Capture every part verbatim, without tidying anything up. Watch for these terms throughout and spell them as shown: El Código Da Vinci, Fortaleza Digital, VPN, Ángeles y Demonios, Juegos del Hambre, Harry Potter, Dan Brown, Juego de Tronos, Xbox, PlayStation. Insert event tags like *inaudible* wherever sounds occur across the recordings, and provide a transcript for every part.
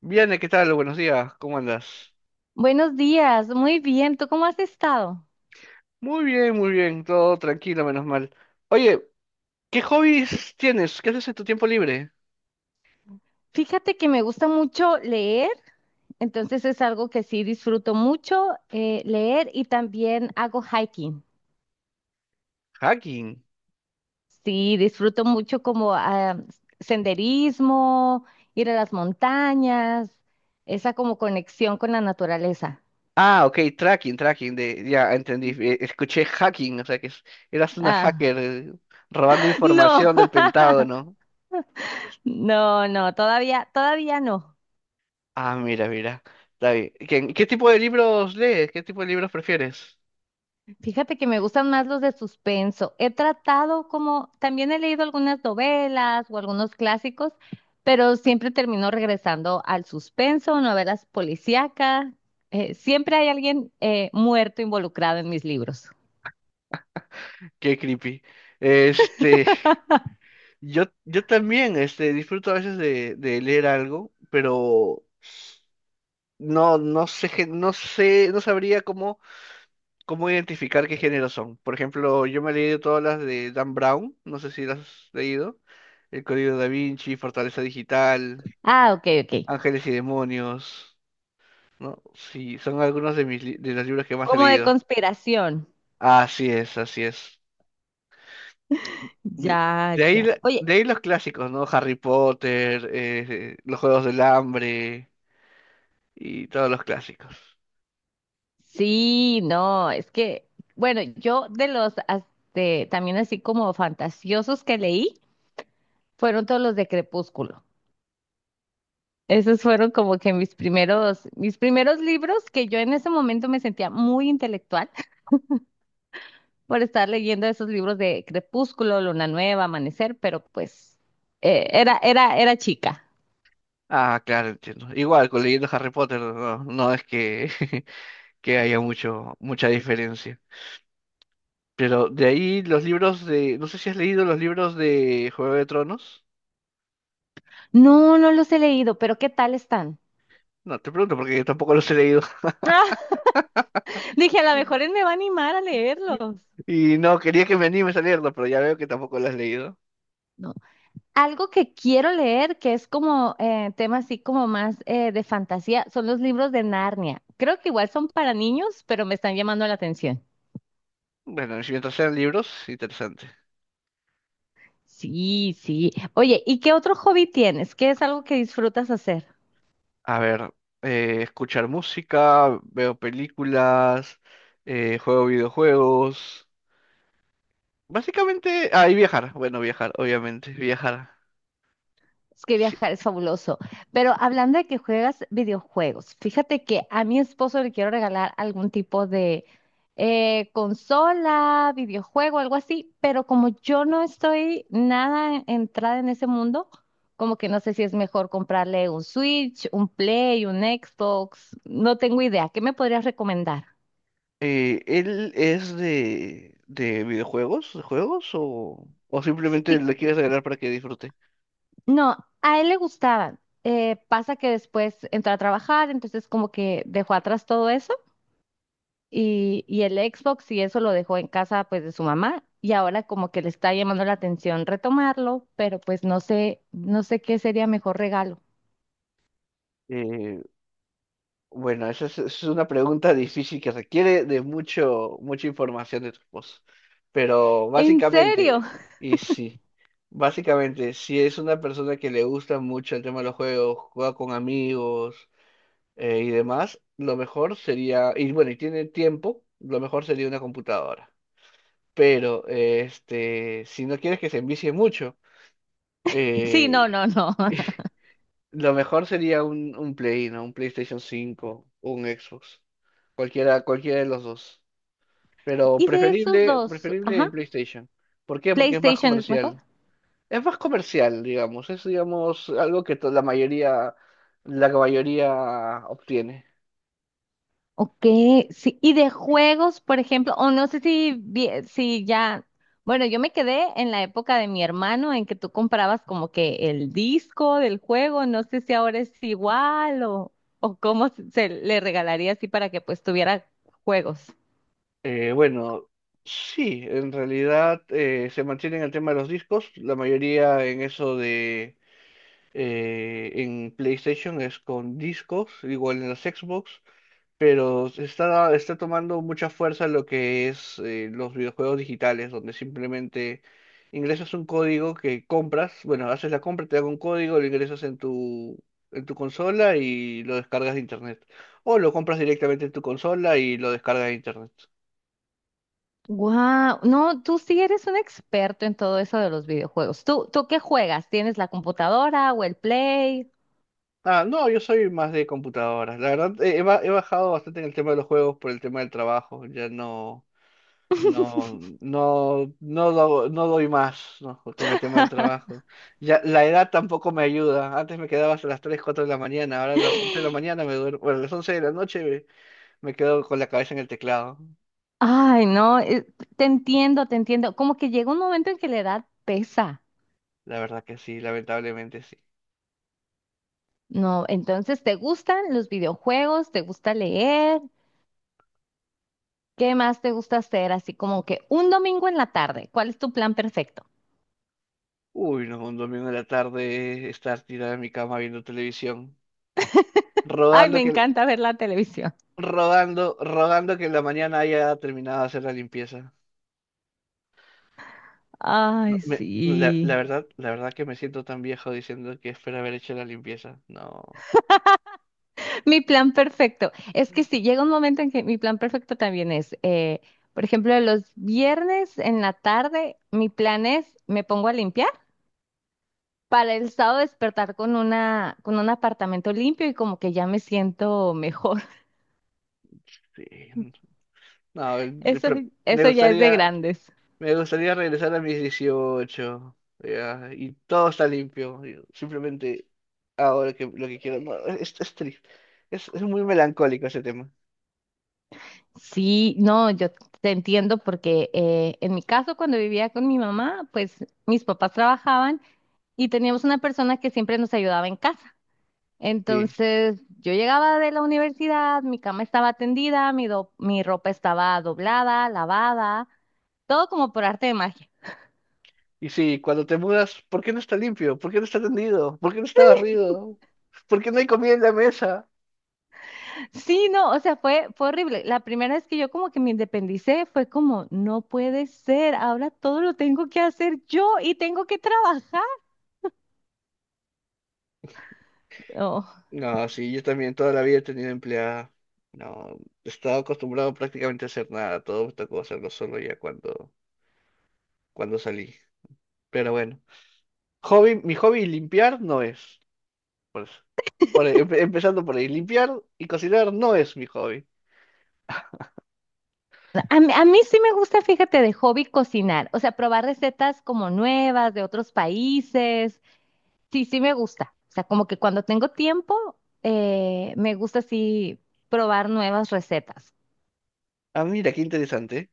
Viane, ¿qué tal? Buenos días, ¿cómo andas? Buenos días, muy bien. ¿Tú cómo has estado? Muy bien, muy bien, todo tranquilo, menos mal. Oye, ¿qué hobbies tienes? ¿Qué haces en tu tiempo libre? Fíjate que me gusta mucho leer, entonces es algo que sí disfruto mucho eh, leer y también hago hiking. Hacking. Sí, disfruto mucho como ah, senderismo, ir a las montañas, esa como conexión con la naturaleza. Ah, ok, tracking, tracking, de, ya entendí, eh, escuché hacking, o sea que es- eras una Ah, hacker eh, robando *laughs* no, información del Pentágono. *laughs* no, no, todavía, todavía no. Ah, mira, mira, está bien. ¿Qué, qué tipo de libros lees? ¿Qué tipo de libros prefieres? Fíjate que me gustan más los de suspenso. He tratado como, también he leído algunas novelas o algunos clásicos, pero siempre termino regresando al suspenso, novelas policíacas. Eh, siempre hay alguien eh, muerto involucrado en mis libros. *laughs* Qué creepy. Este, *laughs* yo, yo también, este, disfruto a veces de, de leer algo, pero no, no sé, gen- no sé, no sabría cómo, cómo identificar qué género son. Por ejemplo, yo me he leído todas las de Dan Brown, no sé si las has leído. El Código Da Vinci, Fortaleza Digital, Ah, ok, ok. Ángeles y Demonios, ¿no? Sí, son algunos de mis li- de los libros que más he Como de leído. conspiración. Así es, así es. De, Ya, de ahí, ya. la- de Oye, ahí los clásicos, ¿no? Harry Potter, eh, eh, los Juegos del Hambre y todos los clásicos. sí, no, es que, bueno, yo de los as- de- también así como fantasiosos que leí, fueron todos los de Crepúsculo. Esos fueron como que mis primeros, mis primeros libros que yo en ese momento me sentía muy intelectual *laughs* por estar leyendo esos libros de Crepúsculo, Luna Nueva, Amanecer, pero pues eh, era, era, era chica. Ah, claro, entiendo. Igual, con leyendo Harry Potter, no, no es que, *laughs* que haya mucho, mucha diferencia. Pero de ahí los libros de... No sé si has leído los libros de Juego de Tronos. No, no los he leído, pero ¿qué tal están? No, te pregunto porque yo tampoco los he leído. *laughs* Dije, a lo mejor él me va a animar a *laughs* leerlos. Y no, quería que me animes a leerlo, pero ya veo que tampoco lo has leído. No. Algo que quiero leer, que es como eh, tema así como más eh, de fantasía, son los libros de Narnia. Creo que igual son para niños, pero me están llamando la atención. Bueno, si mientras sean libros, interesante. Sí, sí. Oye, ¿y qué otro hobby tienes? ¿Qué es algo que disfrutas hacer? A ver, eh, escuchar música, veo películas, eh, juego videojuegos. Básicamente, ah, y viajar. Bueno, viajar, obviamente, viajar. Es que Sí. viajar es fabuloso. Pero hablando de que juegas videojuegos, fíjate que a mi esposo le quiero regalar algún tipo de eh, consola, videojuego, algo así, pero como yo no estoy nada entrada en ese mundo, como que no sé si es mejor comprarle un Switch, un Play, un Xbox, no tengo idea. ¿Qué me podrías recomendar? Eh, ¿él es de, de videojuegos, de juegos o, o simplemente Sí. le quieres regalar para que disfrute? No, a él le gustaban. Eh, pasa que después entró a trabajar, entonces como que dejó atrás todo eso y, y el Xbox y eso lo dejó en casa pues de su mamá y ahora como que le está llamando la atención retomarlo, pero pues no sé, no sé qué sería mejor regalo. Eh, bueno, esa es, esa es una pregunta difícil que requiere de mucho, mucha información de tu esposo. Pero ¿En serio? básicamente, y sí, básicamente, si es una persona que le gusta mucho el tema de los juegos, juega con amigos eh, y demás, lo mejor sería, y bueno, y tiene tiempo, lo mejor sería una computadora. Pero eh, este, si no quieres que se envicie mucho, *laughs* Sí, no, eh, no, no. *laughs* lo mejor sería un, un Play, ¿no? Un PlayStation cinco o un Xbox. Cualquiera, cualquiera de los dos. Pero ¿Y de esos preferible, dos? preferible Ajá. el PlayStation. ¿Por qué? Porque es más ¿PlayStation es mejor? comercial. Es más comercial, digamos. Es, digamos, algo que to- la mayoría, la mayoría obtiene. Ok, sí, y de juegos, por ejemplo, o no sé si, vi- si ya, bueno, yo me quedé en la época de mi hermano en que tú comprabas como que el disco del juego, no sé si ahora es igual o, o cómo se se le regalaría así para que pues tuviera juegos. Eh, bueno, sí, en realidad eh, se mantiene el tema de los discos. La mayoría en eso eh, en PlayStation es con discos, igual en las Xbox, pero se está, está tomando mucha fuerza lo que es eh, los videojuegos digitales, donde simplemente ingresas un código que compras, bueno, haces la compra, te dan un código, lo ingresas en tu, en tu consola y lo descargas de internet. O lo compras directamente en tu consola y lo descargas de internet. Wow, no, tú sí eres un experto en todo eso de los videojuegos. ¿Tú, tú qué juegas? ¿Tienes la computadora o el Play? Ah, no, yo soy más de computadoras. La verdad, eh, he, ba- he bajado bastante en el tema de los juegos por el tema del trabajo. Ya no, no, no, no, do- no doy más, ¿no? Con el tema del *laughs* trabajo. Ya, la edad tampoco me ayuda. Antes me quedaba hasta las tres cuatro de la mañana, ahora a las once de la mañana me duermo, bueno, a las once de la noche me, me quedo con la cabeza en el teclado. Ay, no, eh, te entiendo, te entiendo. Como que llega un momento en que la edad pesa, La verdad que sí, lamentablemente sí. ¿no? Entonces, ¿te gustan los videojuegos? ¿Te gusta leer? ¿Qué más te gusta hacer? Así como que un domingo en la tarde, ¿cuál es tu plan perfecto? Uy, no, un domingo en la tarde estar tirada en mi cama viendo televisión, Ay, rodando me que, encanta ver la televisión. rodando, rodando que en la mañana haya terminado de hacer la limpieza. No, Ay, me- la, la sí. verdad, la verdad que me siento tan viejo diciendo que espero haber hecho la limpieza. No, Mi plan perfecto. Es que sí, llega un momento en que mi plan perfecto también es, eh, por ejemplo, los viernes en la tarde, mi plan es, me pongo a limpiar, para el sábado despertar con una, con un apartamento limpio y como que ya me siento mejor. *laughs* sí, no, el- el Eso, pro- me eso ya es de gustaría, grandes. me gustaría regresar a mis dieciocho ya, y todo está limpio. Y simplemente ahora que lo que quiero, no, es, es triste, es, es muy melancólico ese tema. Sí, no, yo te entiendo porque eh, en mi caso cuando vivía con mi mamá, pues mis papás trabajaban y teníamos una persona que siempre nos ayudaba en casa. Sí, Entonces yo llegaba de la universidad, mi cama estaba tendida, mi, do- mi ropa estaba doblada, lavada, todo como por arte de magia. y sí, cuando te mudas, ¿por qué no está limpio? ¿Por qué no está tendido? ¿Por qué no está barrido? ¿Por qué no hay comida en la mesa? Sí, no, o sea, fue, fue horrible. La primera vez que yo como que me independicé fue como, no puede ser, ahora todo lo tengo que hacer yo y tengo que trabajar. Oh. No, sí, yo también toda la vida he tenido empleada. No, estaba acostumbrado prácticamente a hacer nada, todo me tocó hacerlo solo ya cuando, cuando salí. Pero bueno, hobby, mi hobby limpiar no es. Por eso. Por ahí, empe- empezando por ahí, limpiar y cocinar no es mi hobby. A mí, a mí sí me gusta, fíjate, de hobby cocinar, o sea, probar recetas como nuevas de otros países. Sí, sí me gusta. O sea, como que cuando tengo tiempo, eh, me gusta así probar nuevas recetas. Ah, mira, qué interesante, ¿eh?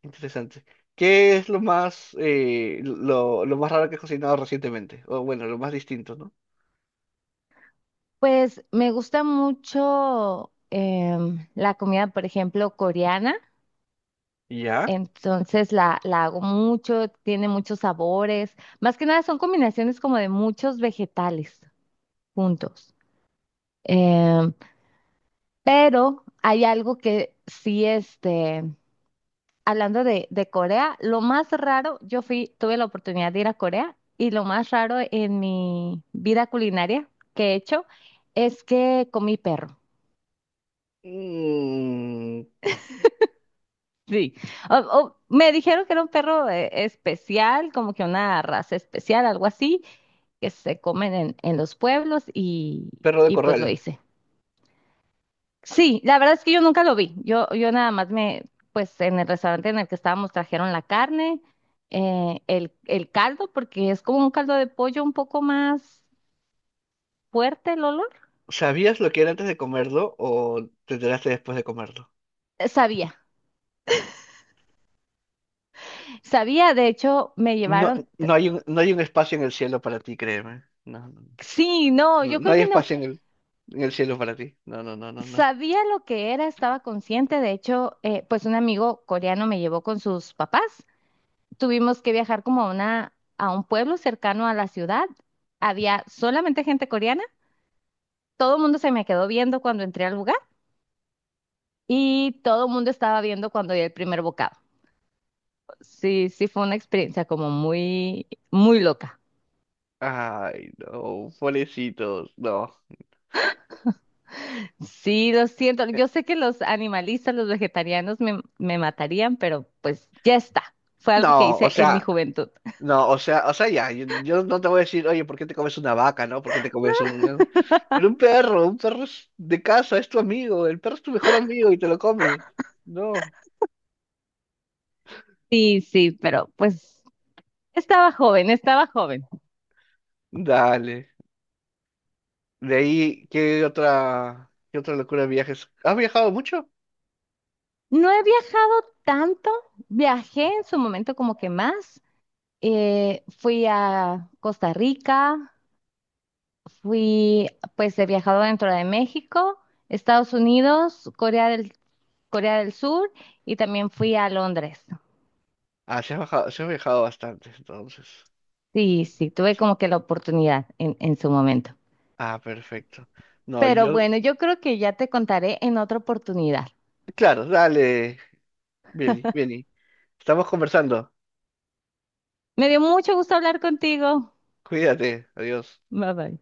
Qué interesante. ¿Qué es lo más, eh, lo, lo más raro que has cocinado recientemente? O bueno, lo más distinto, ¿no? Pues me gusta mucho em, la comida, por ejemplo, coreana. ¿Ya? Entonces la, la hago mucho, tiene muchos sabores. Más que nada son combinaciones como de muchos vegetales juntos. Em, pero hay algo que sí, este, hablando de, de Corea, lo más raro, yo fui, tuve la oportunidad de ir a Corea y lo más raro en mi vida culinaria que he hecho es que comí perro. Mm, Sí, O- o me dijeron que era un perro eh, especial, como que una raza especial, algo así, que se comen en, en los pueblos y, perro de y pues lo corral. hice. Sí, la verdad es que yo nunca lo vi. Yo, yo nada más me, pues en el restaurante en el que estábamos trajeron la carne, eh, el, el caldo, porque es como un caldo de pollo un poco más fuerte el olor. ¿Sabías lo que era antes de comerlo o te enteraste después de comerlo? Eh, Sabía, sabía, de hecho me No, llevaron, no hay un, no hay un espacio en el cielo para ti, créeme. No, no, sí, no, no, yo no creo hay que no, espacio en el, en el cielo para ti. No, no, no, no, no. sabía lo que era, estaba consciente, de hecho, eh, pues un amigo coreano me llevó con sus papás. Tuvimos que viajar como a una, a un pueblo cercano a la ciudad. Había solamente gente coreana. Todo el mundo se me quedó viendo cuando entré al lugar y todo el mundo estaba viendo cuando di el primer bocado. Sí, sí fue una experiencia como muy, muy loca. Ay, no, pobrecitos, no. Sí, lo siento. Eh, Yo sé que los animalistas, los vegetarianos me, me matarían, pero pues ya está. Fue algo que no, o hice en mi sea, juventud. no, o sea, o sea, ya, yo, yo no te voy a decir, oye, ¿por qué te comes una vaca, no? ¿Por qué te comes un... eh?". Pero un perro, un perro es de casa, es tu amigo, el perro es tu mejor amigo y te lo comes. No, Sí, sí, pero pues estaba joven, estaba joven. dale. De ahí, ¿qué otra, qué otra locura de viajes? ¿Has viajado mucho? No he viajado tanto, viajé en su momento como que más. Eh, fui a Costa Rica, fui, pues he viajado dentro de México, Estados Unidos, Corea del, Corea del Sur y también fui a Londres. Ah, se ha viajado, se ha viajado bastante, entonces. Sí, sí, tuve Sí. como que la oportunidad en, en su momento. Ah, perfecto. No, Pero yo, bueno, yo creo que ya te contaré en otra oportunidad. claro, dale, Billy, Billy. Estamos conversando. Me dio mucho gusto hablar contigo. Cuídate, adiós. Bye bye.